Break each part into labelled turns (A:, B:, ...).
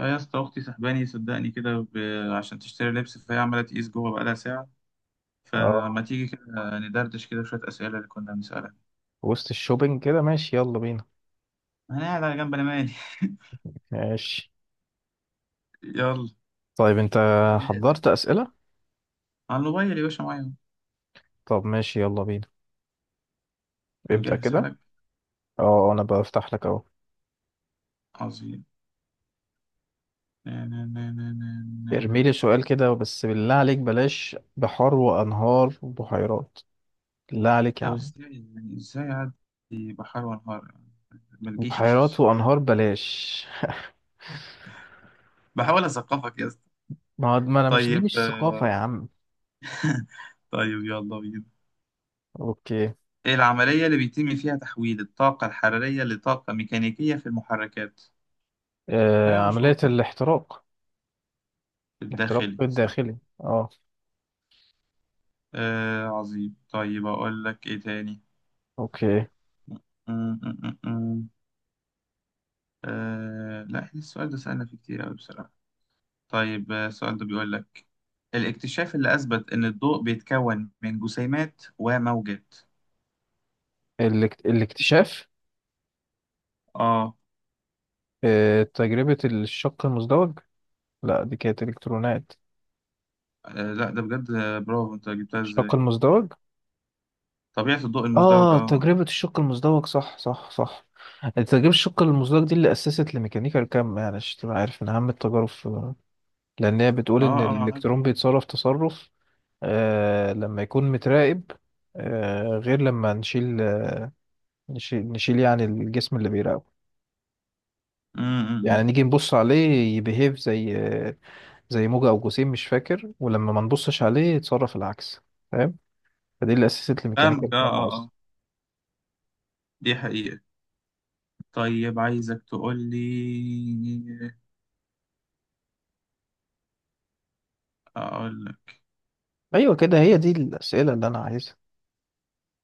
A: اه يا اسطى، اختي سحباني صدقني كده عشان تشتري لبس، فهي عماله تقيس جوه بقالها ساعه.
B: اه
A: فما تيجي كده ندردش كده شويه اسئله اللي كنا بنسالها.
B: وسط الشوبينج كده ماشي يلا بينا.
A: انا قاعد على جنب، انا مالي
B: ماشي.
A: يلا.
B: طيب انت
A: جاهز.
B: حضرت أسئلة.
A: على الموبايل يا باشا، معايا أهو.
B: طب ماشي يلا بينا،
A: انت
B: ابدأ
A: مجهز
B: كده.
A: حالك؟
B: اه انا بفتح لك اهو.
A: عظيم. نا- نا- نا- نا- نا- نا- نا.
B: ارميلي سؤال كده بس بالله عليك بلاش بحار وانهار وبحيرات، بالله عليك يا
A: طب
B: عم.
A: ازاي؟ يعني ازاي اعدي؟ بحر وانهار؟ ما
B: بحيرات
A: تجيش.
B: وانهار بلاش.
A: بحاول اثقفك يا اسطى.
B: ما انا مش، دي
A: طيب
B: مش ثقافة يا عم.
A: طيب يلا بينا.
B: اوكي.
A: العملية اللي بيتم فيها تحويل الطاقة الحرارية لطاقة ميكانيكية في المحركات، حاجة
B: عملية
A: مشهورة،
B: الاحتراق.
A: في
B: الاحتراق
A: الداخلي صح؟
B: الداخلي اه.
A: آه عظيم، طيب أقول لك إيه تاني؟
B: اوكي.
A: م- م- م- م. آه لا، إحنا السؤال ده سألنا فيه كتير أوي بصراحة. طيب، السؤال ده بيقول لك، الاكتشاف اللي أثبت إن الضوء بيتكون من جسيمات وموجات.
B: الاكتشاف.
A: آه،
B: تجربة الشق المزدوج. لا دي كانت الكترونات.
A: آه لا ده بجد، برافو أنت جبتها
B: الشق
A: إزاي؟
B: المزدوج.
A: طبيعة الضوء المزدوج
B: اه
A: آه.
B: تجربة الشق المزدوج، صح صح صح. تجربة الشق المزدوج دي اللي أسست لميكانيكا الكم يعني، عشان تبقى عارف من أهم التجارب لأن هي
A: آه
B: بتقول إن
A: آه عارف.
B: الإلكترون بيتصرف تصرف لما يكون متراقب، غير لما نشيل. نشيل يعني الجسم اللي بيراقبه.
A: م- م-
B: يعني
A: م.
B: نيجي نبص عليه يبيهيف زي زي موجة أو جسيم، مش فاكر. ولما ما نبصش عليه يتصرف العكس، فاهم؟ فدي اللي أسست لميكانيكا
A: فاهمك، آه
B: الكم
A: آه
B: أصلا.
A: آه. دي حقيقة. طيب عايزك تقول لي، اقول لك.
B: ايوه كده، هي دي الاسئله اللي انا عايزها.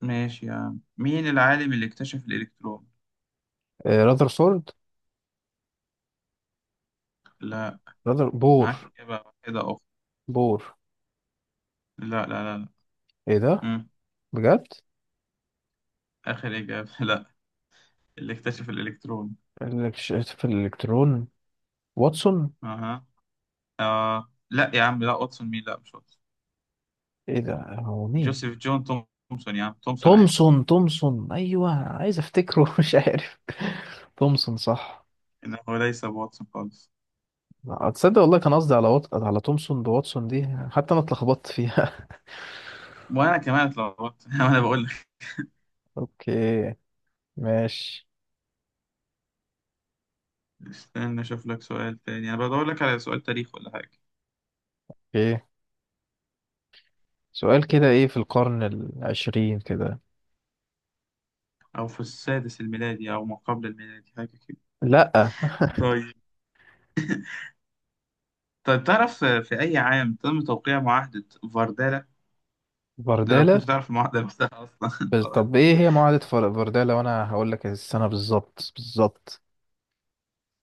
A: ماشي يا عم، مين العالم اللي اكتشف الالكترون؟
B: راذر سورد.
A: لا.
B: راذر بور.
A: معاك اجابه كده اخرى؟
B: بور.
A: لا لا لا لا.
B: ايه ده؟
A: مم.
B: بجد؟
A: اخر اجابه لا. اللي اكتشف الالكترون.
B: في الالكترون. واتسون.
A: اها. آه. لا يا عم، لا واتسون مين، لا مش واتسون.
B: ايه ده، هو مين؟
A: جوزيف جون تومسون، يا عم، تومسون عادي.
B: تومسون. تومسون ايوه، عايز افتكره مش عارف. تومسون صح.
A: انه ليس واتسون خالص.
B: لا، تصدق والله كان قصدي على على تومسون، بواتسون دي حتى انا اتلخبطت فيها.
A: وانا كمان اتلخبطت انا بقول لك.
B: اوكي ماشي.
A: استنى اشوف لك سؤال تاني، انا بدور لك على سؤال تاريخ ولا حاجه،
B: اوكي، سؤال كده ايه في القرن العشرين كده.
A: او في السادس الميلادي او ما قبل الميلادي، حاجه كده.
B: لا.
A: طيب. طيب تعرف في أي عام تم توقيع معاهدة فاردالا؟ ده لو كنت
B: بردالة.
A: تعرف المعاهدة نفسها أصلا.
B: بس طب ايه هي معاهدة فردالا وانا هقول لك السنة بالظبط بالظبط.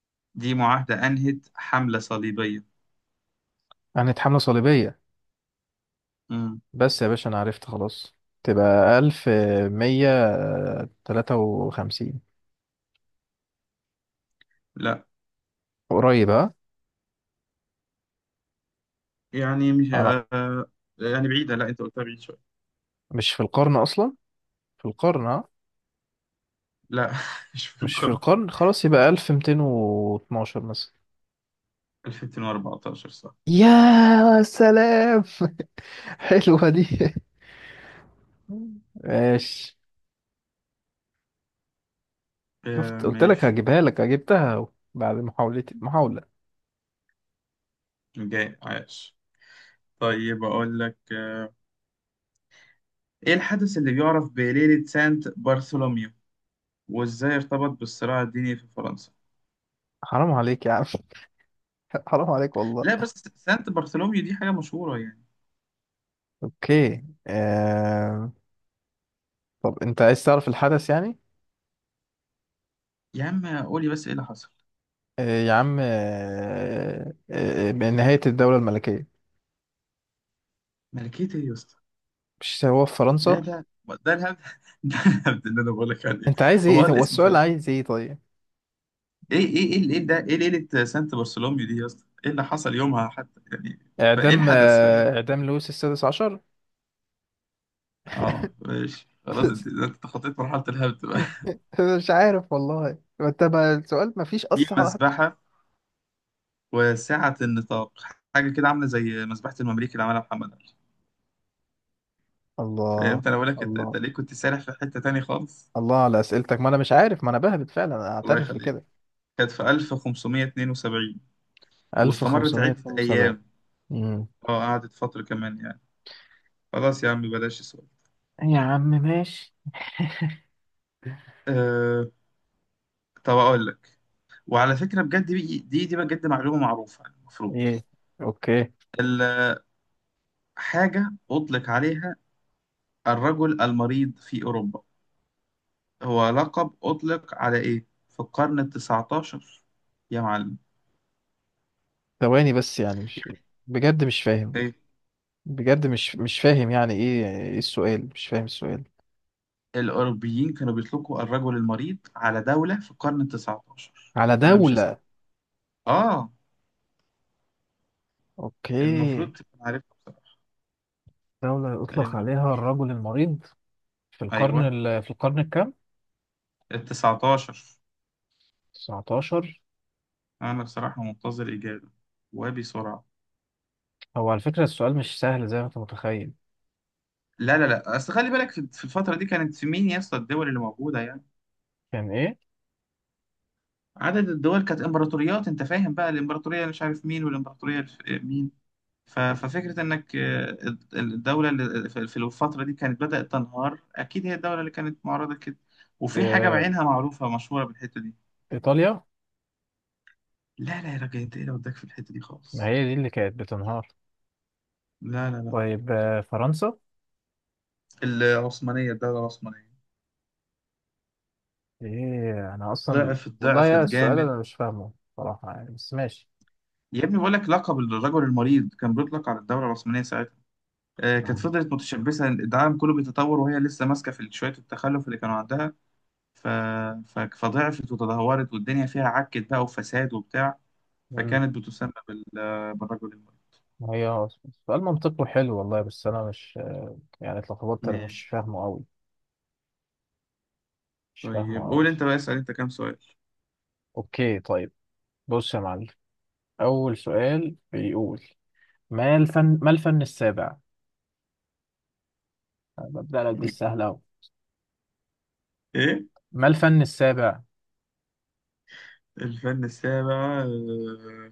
A: دي معاهدة أنهت حملة صليبية.
B: كانت حملة صليبية.
A: مم.
B: بس يا باشا انا عرفت خلاص. تبقى ألف مية تلاتة وخمسين.
A: لا،
B: قريب ها؟
A: يعني مش،
B: انا
A: يعني بعيدة، لا أنت قلتها بعيد شوية.
B: مش في القرن اصلا؟ في القرن ها؟
A: لا مش في
B: مش في
A: القرن.
B: القرن خلاص، يبقى ألف ميتين واتناشر مثلا.
A: 2014 صح.
B: يا سلام حلوة دي. ماشي. شفت
A: آه،
B: قلت لك
A: ماشي
B: هجيبها لك جبتها، بعد محاولتي محاولة.
A: جاي عايش. طيب أقول لك، إيه الحدث اللي بيعرف بليلة سانت برثولوميو؟ وإزاي ارتبط بالصراع الديني في فرنسا؟
B: حرام عليك يا عم. حرام عليك والله.
A: لا بس سانت برثولوميو دي حاجة مشهورة يعني.
B: اوكي طب انت عايز تعرف الحدث يعني؟
A: يا عم قولي بس إيه اللي حصل.
B: آه يا عم، بنهاية الدولة الملكية.
A: ملكية ايه يا اسطى؟
B: مش هو في
A: ده
B: فرنسا؟
A: ده ده الهبد. ده الهبد اللي انا بقول لك عليه.
B: انت عايز
A: هو
B: ايه، هو
A: الاسم
B: السؤال
A: فريد.
B: عايز ايه طيب؟
A: ايه ده، ايه ليلة سانت برثولوميو دي يا اسطى؟ ايه اللي حصل يومها حتى يعني؟ فايه
B: اعدام،
A: الحدث، فاهم؟
B: اعدام لويس السادس عشر.
A: اه ماشي، خلاص، انت تخطيت مرحلة الهبد بقى.
B: مش عارف والله، ما انت بقى السؤال ما فيش
A: دي
B: اصلا حد.
A: مسبحة وسعة النطاق، حاجة كده عاملة زي مسبحة المماليك اللي عملها محمد علي.
B: الله.
A: فهمت، انا بقول لك انت
B: الله.
A: ليه كنت سارح في حتة تانية خالص؟
B: الله على اسئلتك، ما انا مش عارف، ما انا بهبت فعلا انا
A: الله
B: اعترف
A: يخليك.
B: بكده.
A: كانت في 1572، واستمرت عدة
B: 1572.
A: أيام.
B: امم.
A: اه قعدت فترة كمان يعني. خلاص يا عم بلاش السؤال.
B: يا عم ماشي.
A: أه... طب أقول لك، وعلى فكرة بجد دي بجد معلومة معروفة، يعني المفروض
B: ايه؟ اوكي.
A: الحاجة أطلق عليها الرجل المريض في أوروبا. هو لقب أطلق على إيه في القرن التسعتاشر يا معلم؟
B: ثواني بس يعني مش،
A: يعني
B: بجد مش فاهم.
A: إيه؟
B: بجد مش، مش فاهم يعني ايه، ايه السؤال، مش فاهم السؤال.
A: الأوروبيين كانوا بيطلقوا الرجل المريض على دولة في القرن التسعتاشر.
B: على
A: أنا مش هسأل.
B: دولة؟
A: آه. المفروض
B: اوكي.
A: تبقى عارفها بصراحة.
B: دولة يطلق
A: الم-
B: عليها الرجل المريض في القرن
A: أيوه،
B: في القرن الكام؟
A: التسعتاشر.
B: 19.
A: انا بصراحه منتظر اجابه، وبسرعه.
B: هو على فكرة السؤال مش سهل زي ما انت متخيل.
A: لا لا لا، اصل خلي بالك، في الفتره دي كانت في مين يا اسطى الدول اللي موجوده يعني؟
B: كان ايه؟
A: عدد الدول، كانت امبراطوريات، انت فاهم بقى، الامبراطوريه اللي مش عارف مين والامبراطوريه مين؟ ففكره انك، الدوله اللي في الفتره دي كانت بدات تنهار، اكيد هي الدوله اللي كانت معرضه كده، وفي حاجه
B: آه...
A: بعينها معروفه مشهوره بالحته دي.
B: ايطاليا.
A: لا لا يا راجل، انت ايه اللي وداك في الحته دي
B: ما
A: خالص؟
B: هي دي اللي كانت بتنهار.
A: لا لا لا.
B: طيب فرنسا.
A: العثمانيه، الدوله العثمانيه.
B: ايه انا اصلا
A: ضعفت
B: والله يا،
A: ضعفت
B: السؤال
A: جامد.
B: انا مش فاهمه صراحة يعني، بس ماشي.
A: يا ابني بقول لك، لقب الرجل المريض كان بيطلق على الدوله العثمانيه ساعتها. كانت فضلت متشبثه، العالم كله بيتطور وهي لسه ماسكه في شويه التخلف اللي كانوا عندها. ف... فضعفت وتدهورت، والدنيا فيها عكت بقى، وفساد وبتاع.
B: مم.
A: فكانت بتسمى بالرجل المريض.
B: هي سؤال منطقي حلو والله، بس انا مش، يعني اتلخبطت، انا مش
A: ماشي.
B: فاهمه قوي، مش فاهمه
A: طيب
B: قوي.
A: قول انت بقى، اسال انت كام سؤال.
B: اوكي طيب. بص يا معلم، اول سؤال بيقول: ما الفن السابع؟ أنا ببدأ لك بالسهل اهو.
A: ايه
B: ما الفن السابع؟
A: الفن السابع؟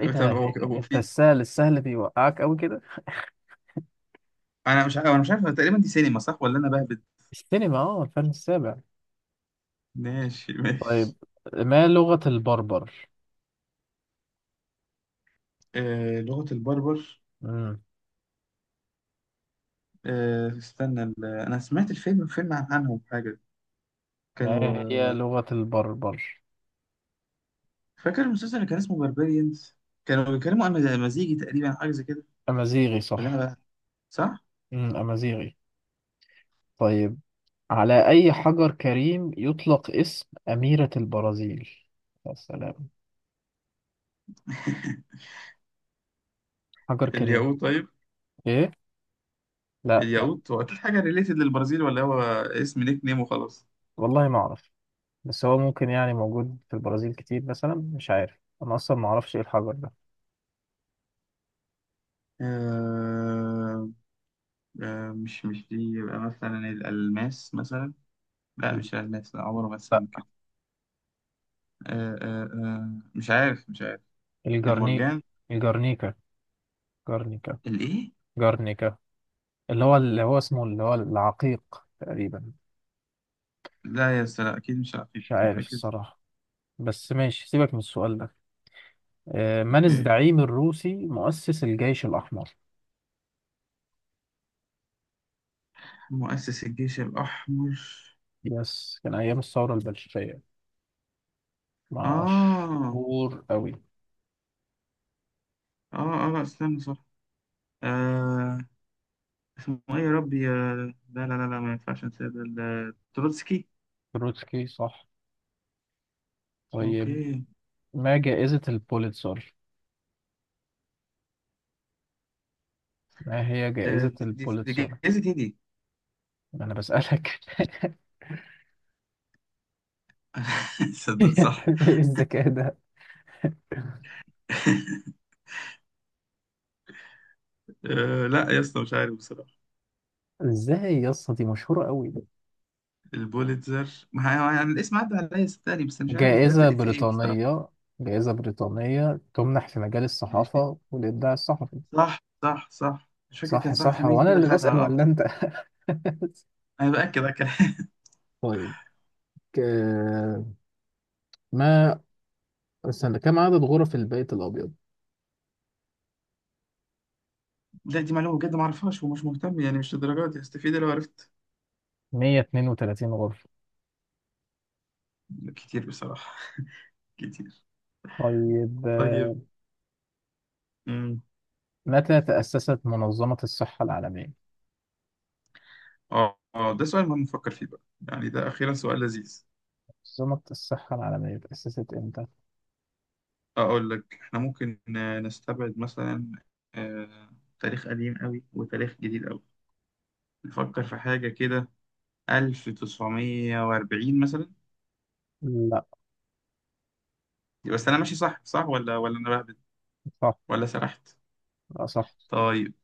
B: ايه
A: طب هو
B: ده انت
A: في،
B: السهل السهل بيوقعك قوي كده.
A: انا مش عارف، انا مش عارف تقريبا، دي سينما صح ولا انا بهبد؟
B: السينما، اه الفن السابع.
A: ماشي
B: طيب،
A: ماشي.
B: ما لغة البربر؟
A: لغة البربر،
B: امم.
A: استنى، انا سمعت الفيلم، فيلم عنهم حاجه. كانوا،
B: ما هي لغة البربر؟
A: فاكر المسلسل اللي كان اسمه باربيريانز؟ كانوا بيتكلموا عن مزيجي تقريبا، حاجه زي كده،
B: امازيغي
A: ولا انا
B: صح.
A: بقى؟ صح.
B: امازيغي. طيب، على أي حجر كريم يطلق اسم أميرة البرازيل؟ يا سلام. حجر كريم.
A: الياقوت طيب.
B: إيه؟ لا لا.
A: الياقوت، هو اكيد حاجه ريليتد للبرازيل ولا هو اسم نيك نيم وخلاص؟
B: والله ما أعرف. بس هو ممكن يعني موجود في البرازيل كتير مثلا، مش عارف، أنا أصلا ما أعرفش إيه الحجر ده.
A: آه، مش دي، يبقى مثلا الالماس مثلا. لا مش الالماس، لا عمره ما اتسمى
B: لا.
A: كده. مش عارف، مش عارف.
B: الجرني.
A: المرجان.
B: الجرنيكا. جرنيكا.
A: الايه؟
B: جرنيكا اللي هو، اللي هو اسمه اللي هو العقيق تقريبا.
A: لا يا أستاذ، لا اكيد مش عارف،
B: مش
A: أنت
B: عارف
A: متاكد؟
B: الصراحة، بس ماشي سيبك من السؤال ده. من
A: اوكي.
B: الزعيم الروسي مؤسس الجيش الأحمر؟
A: مؤسس الجيش الأحمر.
B: يس، كان أيام الثورة البلشفية،
A: آه
B: مشهور أوي.
A: آه آه لا استنى صح. آه. اسمه إيه يا ربي، لا لا لا لا، ما ينفعش أنسى ده، تروتسكي.
B: تروتسكي صح. طيب،
A: أوكي.
B: ما جائزة البوليتزر؟ ما هي جائزة
A: دي
B: البوليتزر؟
A: جايزة إيه دي؟
B: أنا بسألك
A: صدق صح.
B: إيه الذكاء ده.
A: آه لا يا اسطى، مش عارف بصراحة.
B: إزاي يا اسطى، دي مشهورة أوي.
A: البوليتزر، ما هي- يعني الاسم عدى عليا صدقني، بس مش عارف الحاجات
B: جائزة
A: اللي في إيه بصراحة.
B: بريطانية. جائزة بريطانية تمنح في مجال
A: ماشي.
B: الصحافة والإبداع الصحفي.
A: صح صح صح، مش فاكر كان
B: صح صح،
A: صحفي
B: هو
A: مين
B: أنا
A: كده
B: اللي
A: خدها،
B: بسأل ولا
A: آه.
B: أنت؟
A: أنا بأكد أكد.
B: طيب. آه، ما، استنى، كم عدد غرف البيت الأبيض؟
A: لا دي معلومة بجد ما اعرفهاش ومش مهتم، يعني مش للدرجة دي هستفيد لو عرفت.
B: 132 غرفة.
A: كتير بصراحة. كتير.
B: طيب
A: طيب. امم
B: متى تأسست منظمة الصحة العالمية؟
A: ده سؤال ما بنفكر فيه بقى. يعني ده أخيرا سؤال لذيذ.
B: منظمة الصحة العالمية تأسست إمتى؟
A: أقول لك احنا ممكن، نستبعد مثلا آه، تاريخ قديم قوي وتاريخ جديد قوي. نفكر في حاجة كده. 1940 مثلا.
B: لا
A: بس أنا ماشي صح صح، ولا أنا بهبد
B: صح.
A: ولا سرحت؟
B: لا صح.
A: طيب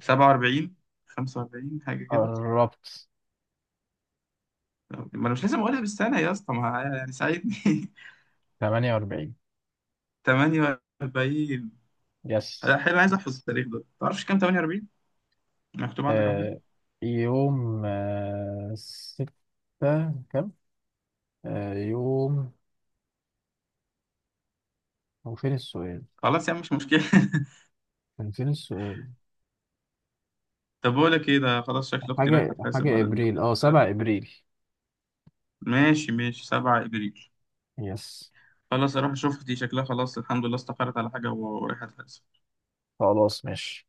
A: 47، 45 حاجة كده.
B: قربت.
A: ما أنا مش لازم أقولها بالسنة يا اسطى، ما يعني ساعدني
B: 48.
A: 48.
B: يس.
A: لا حلو، عايز احفظ التاريخ ده، تعرفش كام 48؟ مكتوب عندك على حاجه.
B: آه يوم ستة كم؟ يوم، هو فين السؤال؟
A: خلاص يا عم مش مشكله
B: كان فين السؤال؟
A: طب بقول لك ايه، ده خلاص شكل اختي رايحه
B: حاجة
A: تحاسب
B: حاجة
A: بعد
B: إبريل، أه
A: ده
B: 7 إبريل.
A: ماشي ماشي، 7 ابريل.
B: يس.
A: خلاص اروح اشوف، دي شكلها خلاص الحمد لله استقرت على حاجه ورايحه تحاسب.
B: خلاص ماشي.